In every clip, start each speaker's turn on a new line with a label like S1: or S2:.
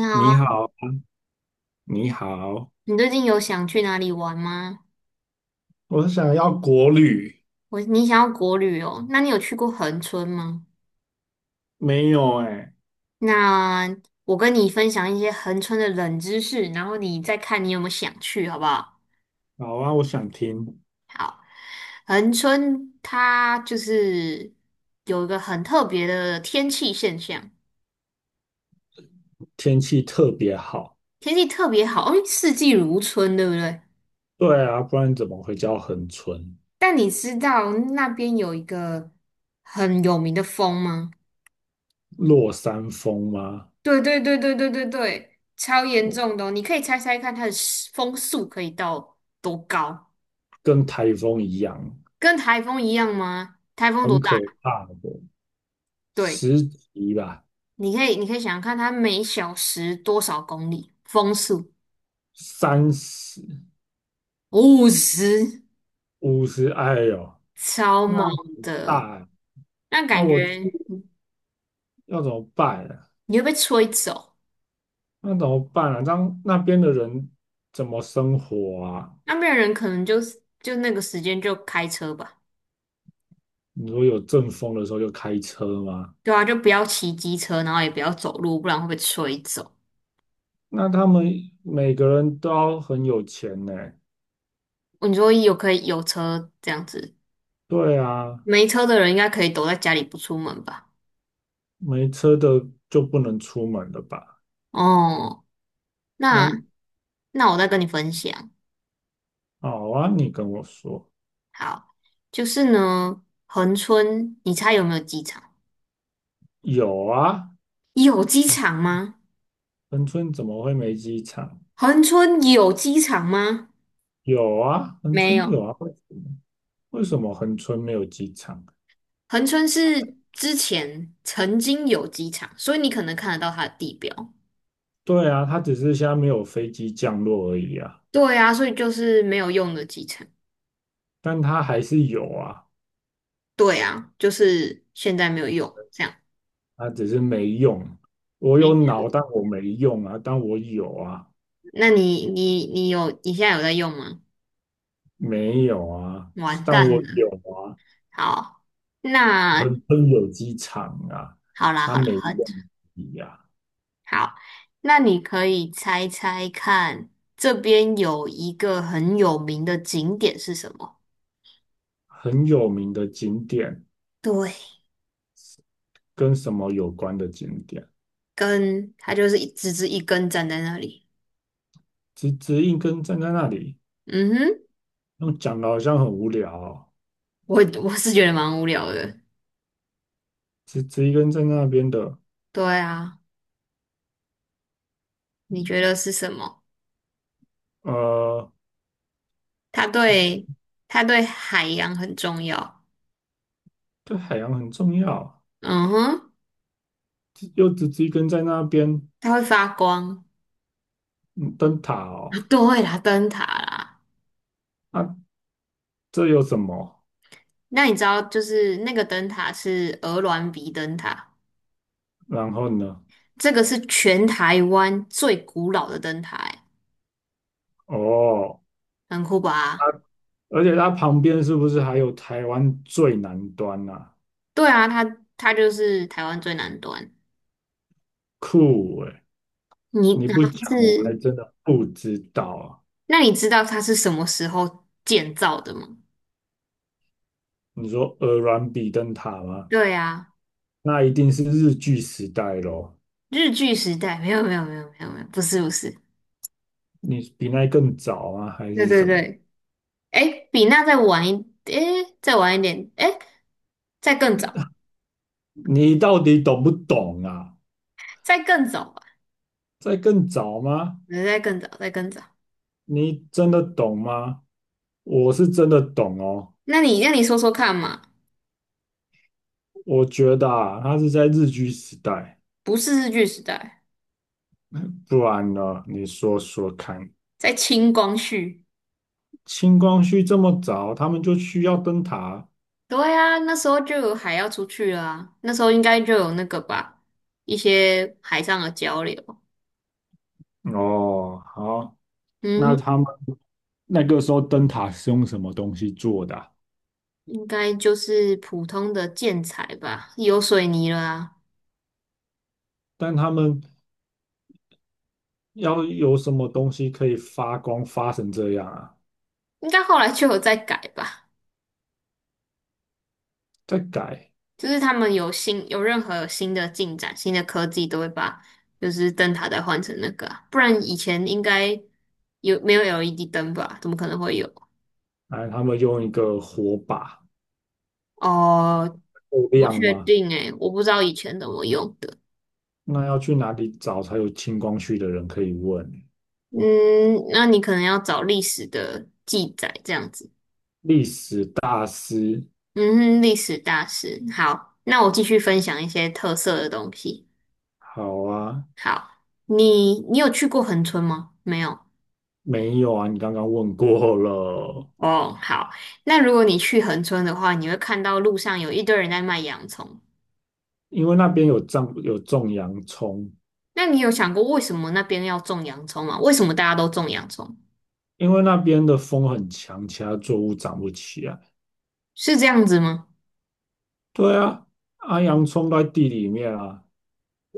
S1: 你好啊，
S2: 你好，你好，
S1: 你最近有想去哪里玩吗？
S2: 我想要国旅，
S1: 你想要国旅哦，那你有去过恒春吗？
S2: 没有哎、
S1: 那我跟你分享一些恒春的冷知识，然后你再看你有没有想去，好不好？
S2: 好啊，我想听。
S1: 恒春它就是有一个很特别的天气现象，
S2: 天气特别好，
S1: 天气特别好，因为四季如春，对不对？
S2: 对啊，不然怎么会叫恒春？
S1: 但你知道那边有一个很有名的风吗？
S2: 落山风吗？
S1: 对对对对对对对，超严重的哦，你可以猜猜看它的时风速可以到多高？
S2: 跟台风一样，
S1: 跟台风一样吗？台风多
S2: 很可
S1: 大？
S2: 怕的，
S1: 对，
S2: 10级吧，
S1: 你可以想想看，它每小时多少公里？风速
S2: 30、
S1: 50，
S2: 50，哎呦，
S1: 超猛
S2: 那很
S1: 的。
S2: 大欸
S1: 那
S2: 啊，
S1: 感
S2: 我去
S1: 觉你
S2: 要怎么办啊？
S1: 会被吹走，
S2: 那怎么办啊？让那边的人怎么生活啊？
S1: 那边的人可能就是那个时间就开车吧。
S2: 你说有阵风的时候就开车吗？
S1: 对啊，就不要骑机车，然后也不要走路，不然会被吹走。
S2: 那他们每个人都要很有钱呢。
S1: 你说可以有车这样子。
S2: 对啊，
S1: 没车的人应该可以躲在家里不出门吧？
S2: 没车的就不能出门了吧？
S1: 哦，那
S2: 那
S1: 那我再跟你分享。
S2: 好啊，你跟我说
S1: 好，就是呢，恒春，你猜有没有机场？
S2: 有啊，
S1: 有机场吗？
S2: 恒春怎么会没机场？
S1: 恒春有机场吗？
S2: 有啊，恒
S1: 没
S2: 春
S1: 有，
S2: 有啊，为什么恒春没有机场？
S1: 恒春是之前曾经有机场，所以你可能看得到它的地标。
S2: 对啊，它只是现在没有飞机降落而已啊，
S1: 对啊，所以就是没有用的机场。
S2: 但它还是有啊，
S1: 对啊，就是现在没有用，这样。
S2: 它只是没用。我
S1: 没
S2: 有
S1: 错，
S2: 脑，但我没用啊，但我有啊。
S1: 那你现在有在用吗？
S2: 没有啊，
S1: 完
S2: 但
S1: 蛋
S2: 我有
S1: 了。
S2: 啊，
S1: 好，那
S2: 很春有机场啊，
S1: 好啦，
S2: 它
S1: 好啦，
S2: 每一
S1: 很
S2: 个呀。
S1: 好。那你可以猜猜看，这边有一个很有名的景点是什么？
S2: 很有名的景点，
S1: 对，
S2: 跟什么有关的景点，
S1: 根，它就是一直直一根站在那里。
S2: 直直一根站在那里，
S1: 嗯哼，
S2: 用讲的好像很无聊哦，
S1: 我我是觉得蛮无聊的。
S2: 直直一根站在那边的，
S1: 对啊，你觉得是什么？
S2: 呃，
S1: 它
S2: 直直
S1: 对它对海洋很重要。
S2: 对海洋很重要，
S1: 嗯哼，
S2: 直又直直一根在那边，
S1: 它会发光。
S2: 嗯，灯塔
S1: 啊
S2: 哦，
S1: 对啦，灯塔啦。
S2: 啊，这有什么？
S1: 那你知道，就是那个灯塔是鹅銮鼻灯塔。
S2: 然后呢？
S1: 这个是全台湾最古老的灯台，
S2: 哦。
S1: 很酷
S2: 啊
S1: 吧？
S2: 而且它旁边是不是还有台湾最南端啊？
S1: 对啊，它就是台湾最南端。
S2: 酷诶、
S1: 你
S2: 你不
S1: 它
S2: 讲我还
S1: 是，
S2: 真的不知道啊。
S1: 那你知道它是什么时候建造的吗？
S2: 你说鹅銮比灯塔吗？
S1: 对啊，
S2: 那一定是日据时代咯。
S1: 日据时代，没有没有没有没有没有，不是不是，
S2: 你比那更早啊，还
S1: 对
S2: 是
S1: 对
S2: 什么？
S1: 对，哎，比那再晚一，哎，再晚一点，哎，再更早，
S2: 你到底懂不懂啊？
S1: 再更早吧，
S2: 在更早吗？
S1: 对再更早，再更早。
S2: 你真的懂吗？我是真的懂哦。
S1: 那你说说看嘛，
S2: 我觉得啊，它是在日据时代，
S1: 不是日据时代，
S2: 不然呢？你说说看。
S1: 在清光绪。
S2: 清光绪这么早，他们就需要灯塔。
S1: 对啊，那时候就有海要出去了啊，那时候应该就有那个吧，一些海上的交流。
S2: 哦，好，那他
S1: 嗯，
S2: 们那个时候灯塔是用什么东西做的啊
S1: 应该就是普通的建材吧，有水泥了啊，
S2: 但他们要有什么东西可以发光发成这样啊？
S1: 应该后来就有在改吧。
S2: 再改，
S1: 就是他们有新有任何有新的进展、新的科技，都会把就是灯塔再换成那个啊，不然以前应该没有 LED 灯吧？怎么可能会有？
S2: 哎，他们用一个火把
S1: 哦，
S2: 够
S1: 不
S2: 亮
S1: 确
S2: 吗？
S1: 定诶，我不知道以前怎么用的。
S2: 那要去哪里找才有清光绪的人可以问？
S1: 嗯，那你可能要找历史的记载这样子。
S2: 历史大师，
S1: 嗯哼，历史大师。好，那我继续分享一些特色的东西。
S2: 好啊，
S1: 好，你有去过恒村吗？没有。
S2: 没有啊，你刚刚问过了，
S1: 哦，好。那如果你去恒村的话，你会看到路上有一堆人在卖洋葱。
S2: 因为那边有种洋葱，
S1: 那你有想过为什么那边要种洋葱吗？为什么大家都种洋葱？
S2: 因为那边的风很强，其他作物长不起来。
S1: 是这样子吗？
S2: 对啊，啊，洋葱都在地里面啊，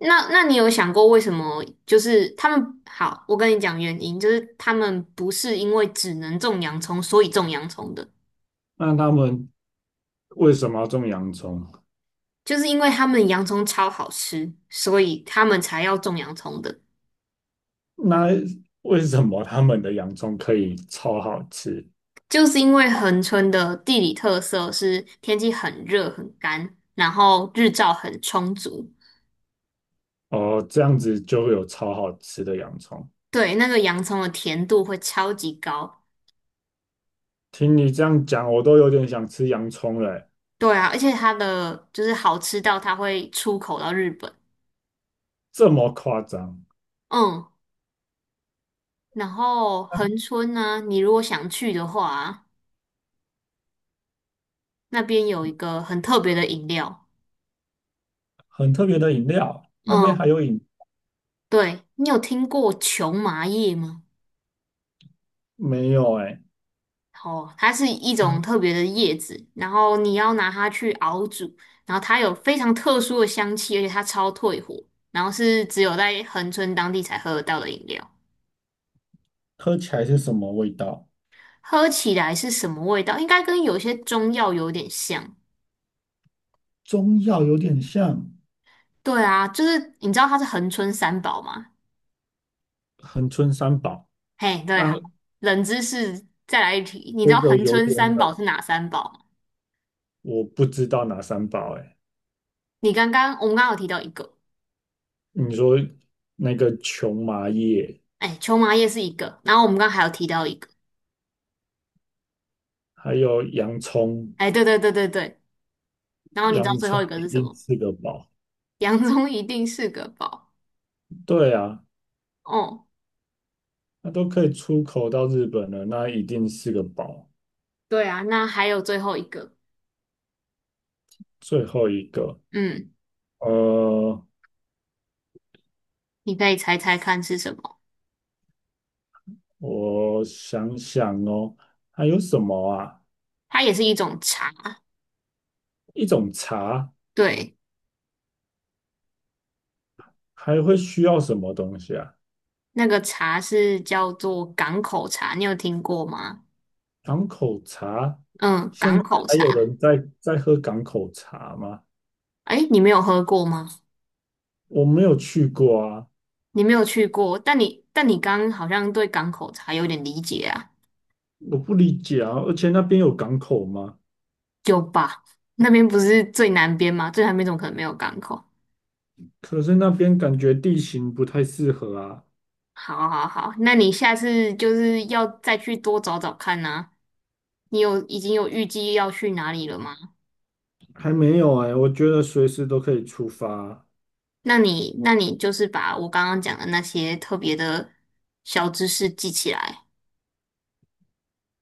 S1: 那你有想过为什么？就是他们好，我跟你讲原因，就是他们不是因为只能种洋葱，所以种洋葱的，
S2: 那他们为什么要种洋葱？
S1: 就是因为他们洋葱超好吃，所以他们才要种洋葱的。
S2: 那为什么他们的洋葱可以超好吃？
S1: 就是因为恒春的地理特色是天气很热很干，然后日照很充足，
S2: 哦，这样子就会有超好吃的洋葱。
S1: 对，那个洋葱的甜度会超级高。
S2: 听你这样讲，我都有点想吃洋葱了欸，
S1: 对啊，而且它的就是好吃到它会出口到日本。
S2: 这么夸张？
S1: 嗯。然后恒春呢，你如果想去的话啊，那边有一个很特别的饮料，
S2: 很特别的饮料，那边
S1: 嗯，
S2: 还有饮，
S1: 对，你有听过琼麻叶吗？
S2: 没有哎、
S1: 哦，它是一种
S2: 嗯
S1: 特别的叶子，然后你要拿它去熬煮，然后它有非常特殊的香气，而且它超退火，然后是只有在恒春当地才喝得到的饮料。
S2: 喝起来是什么味道？
S1: 喝起来是什么味道？应该跟有些中药有点像。
S2: 中药有点像
S1: 对啊，就是你知道它是恒春三宝嘛，
S2: 恒春三宝。
S1: 嘿，对，好，
S2: 那
S1: 冷知识再来一题，你知
S2: 这
S1: 道
S2: 个
S1: 恒
S2: 有
S1: 春
S2: 点
S1: 三宝
S2: 冷，
S1: 是哪三宝吗？
S2: 我不知道哪三宝哎、
S1: 你刚刚我们刚刚有提到一个，
S2: 你说那个琼麻叶，
S1: 哎，秋麻叶是一个，然后我们刚刚还有提到一个，
S2: 还有洋葱，
S1: 哎，对对对对对，然后你知道
S2: 洋
S1: 最后一
S2: 葱
S1: 个
S2: 一
S1: 是什
S2: 定
S1: 么？
S2: 是个宝。
S1: 洋葱一定是个宝。
S2: 对啊，
S1: 哦，
S2: 那都可以出口到日本了，那一定是个宝。
S1: 对啊，那还有最后一个，
S2: 最后一个，
S1: 嗯，
S2: 呃，
S1: 你可以猜猜看是什么？
S2: 我想想哦，还有什么啊？
S1: 它也是一种茶，
S2: 一种茶
S1: 对，
S2: 还会需要什么东西啊？
S1: 那个茶是叫做港口茶，你有听过吗？
S2: 港口茶，
S1: 嗯，
S2: 现
S1: 港
S2: 在
S1: 口
S2: 还
S1: 茶，
S2: 有人在喝港口茶吗？
S1: 哎，你没有喝过吗？
S2: 我没有去过啊，
S1: 你没有去过，但你刚刚好像对港口才有点理解啊，
S2: 我不理解啊，而且那边有港口吗？
S1: 有吧？那边不是最南边吗？最南边怎么可能没有港口？
S2: 可是那边感觉地形不太适合啊，
S1: 好好好，那你下次就是要再去多找找看呐、已经有预计要去哪里了吗？
S2: 还没有哎、我觉得随时都可以出发啊，
S1: 那你就是把我刚刚讲的那些特别的小知识记起来，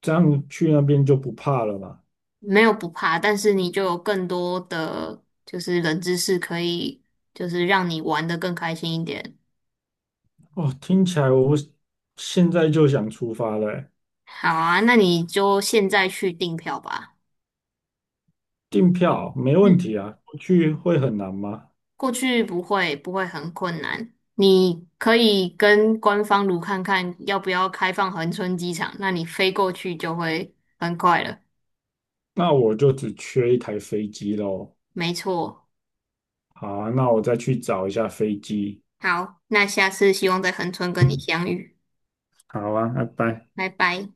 S2: 这样去那边就不怕了吧？
S1: 没有不怕，但是你就有更多的就是冷知识可以，就是让你玩的更开心一点。
S2: 哦，听起来我现在就想出发了欸、
S1: 好啊，那你就现在去订票吧。
S2: 订票没问
S1: 嗯，
S2: 题啊，不去会很难吗？
S1: 过去不会很困难，你可以跟官方如看看要不要开放恒春机场，那你飞过去就会很快了。
S2: 那我就只缺一台飞机喽。
S1: 没错，
S2: 好啊，那我再去找一下飞机。
S1: 好，那下次希望在恒春跟你相遇，
S2: 好啊，拜拜。
S1: 拜拜。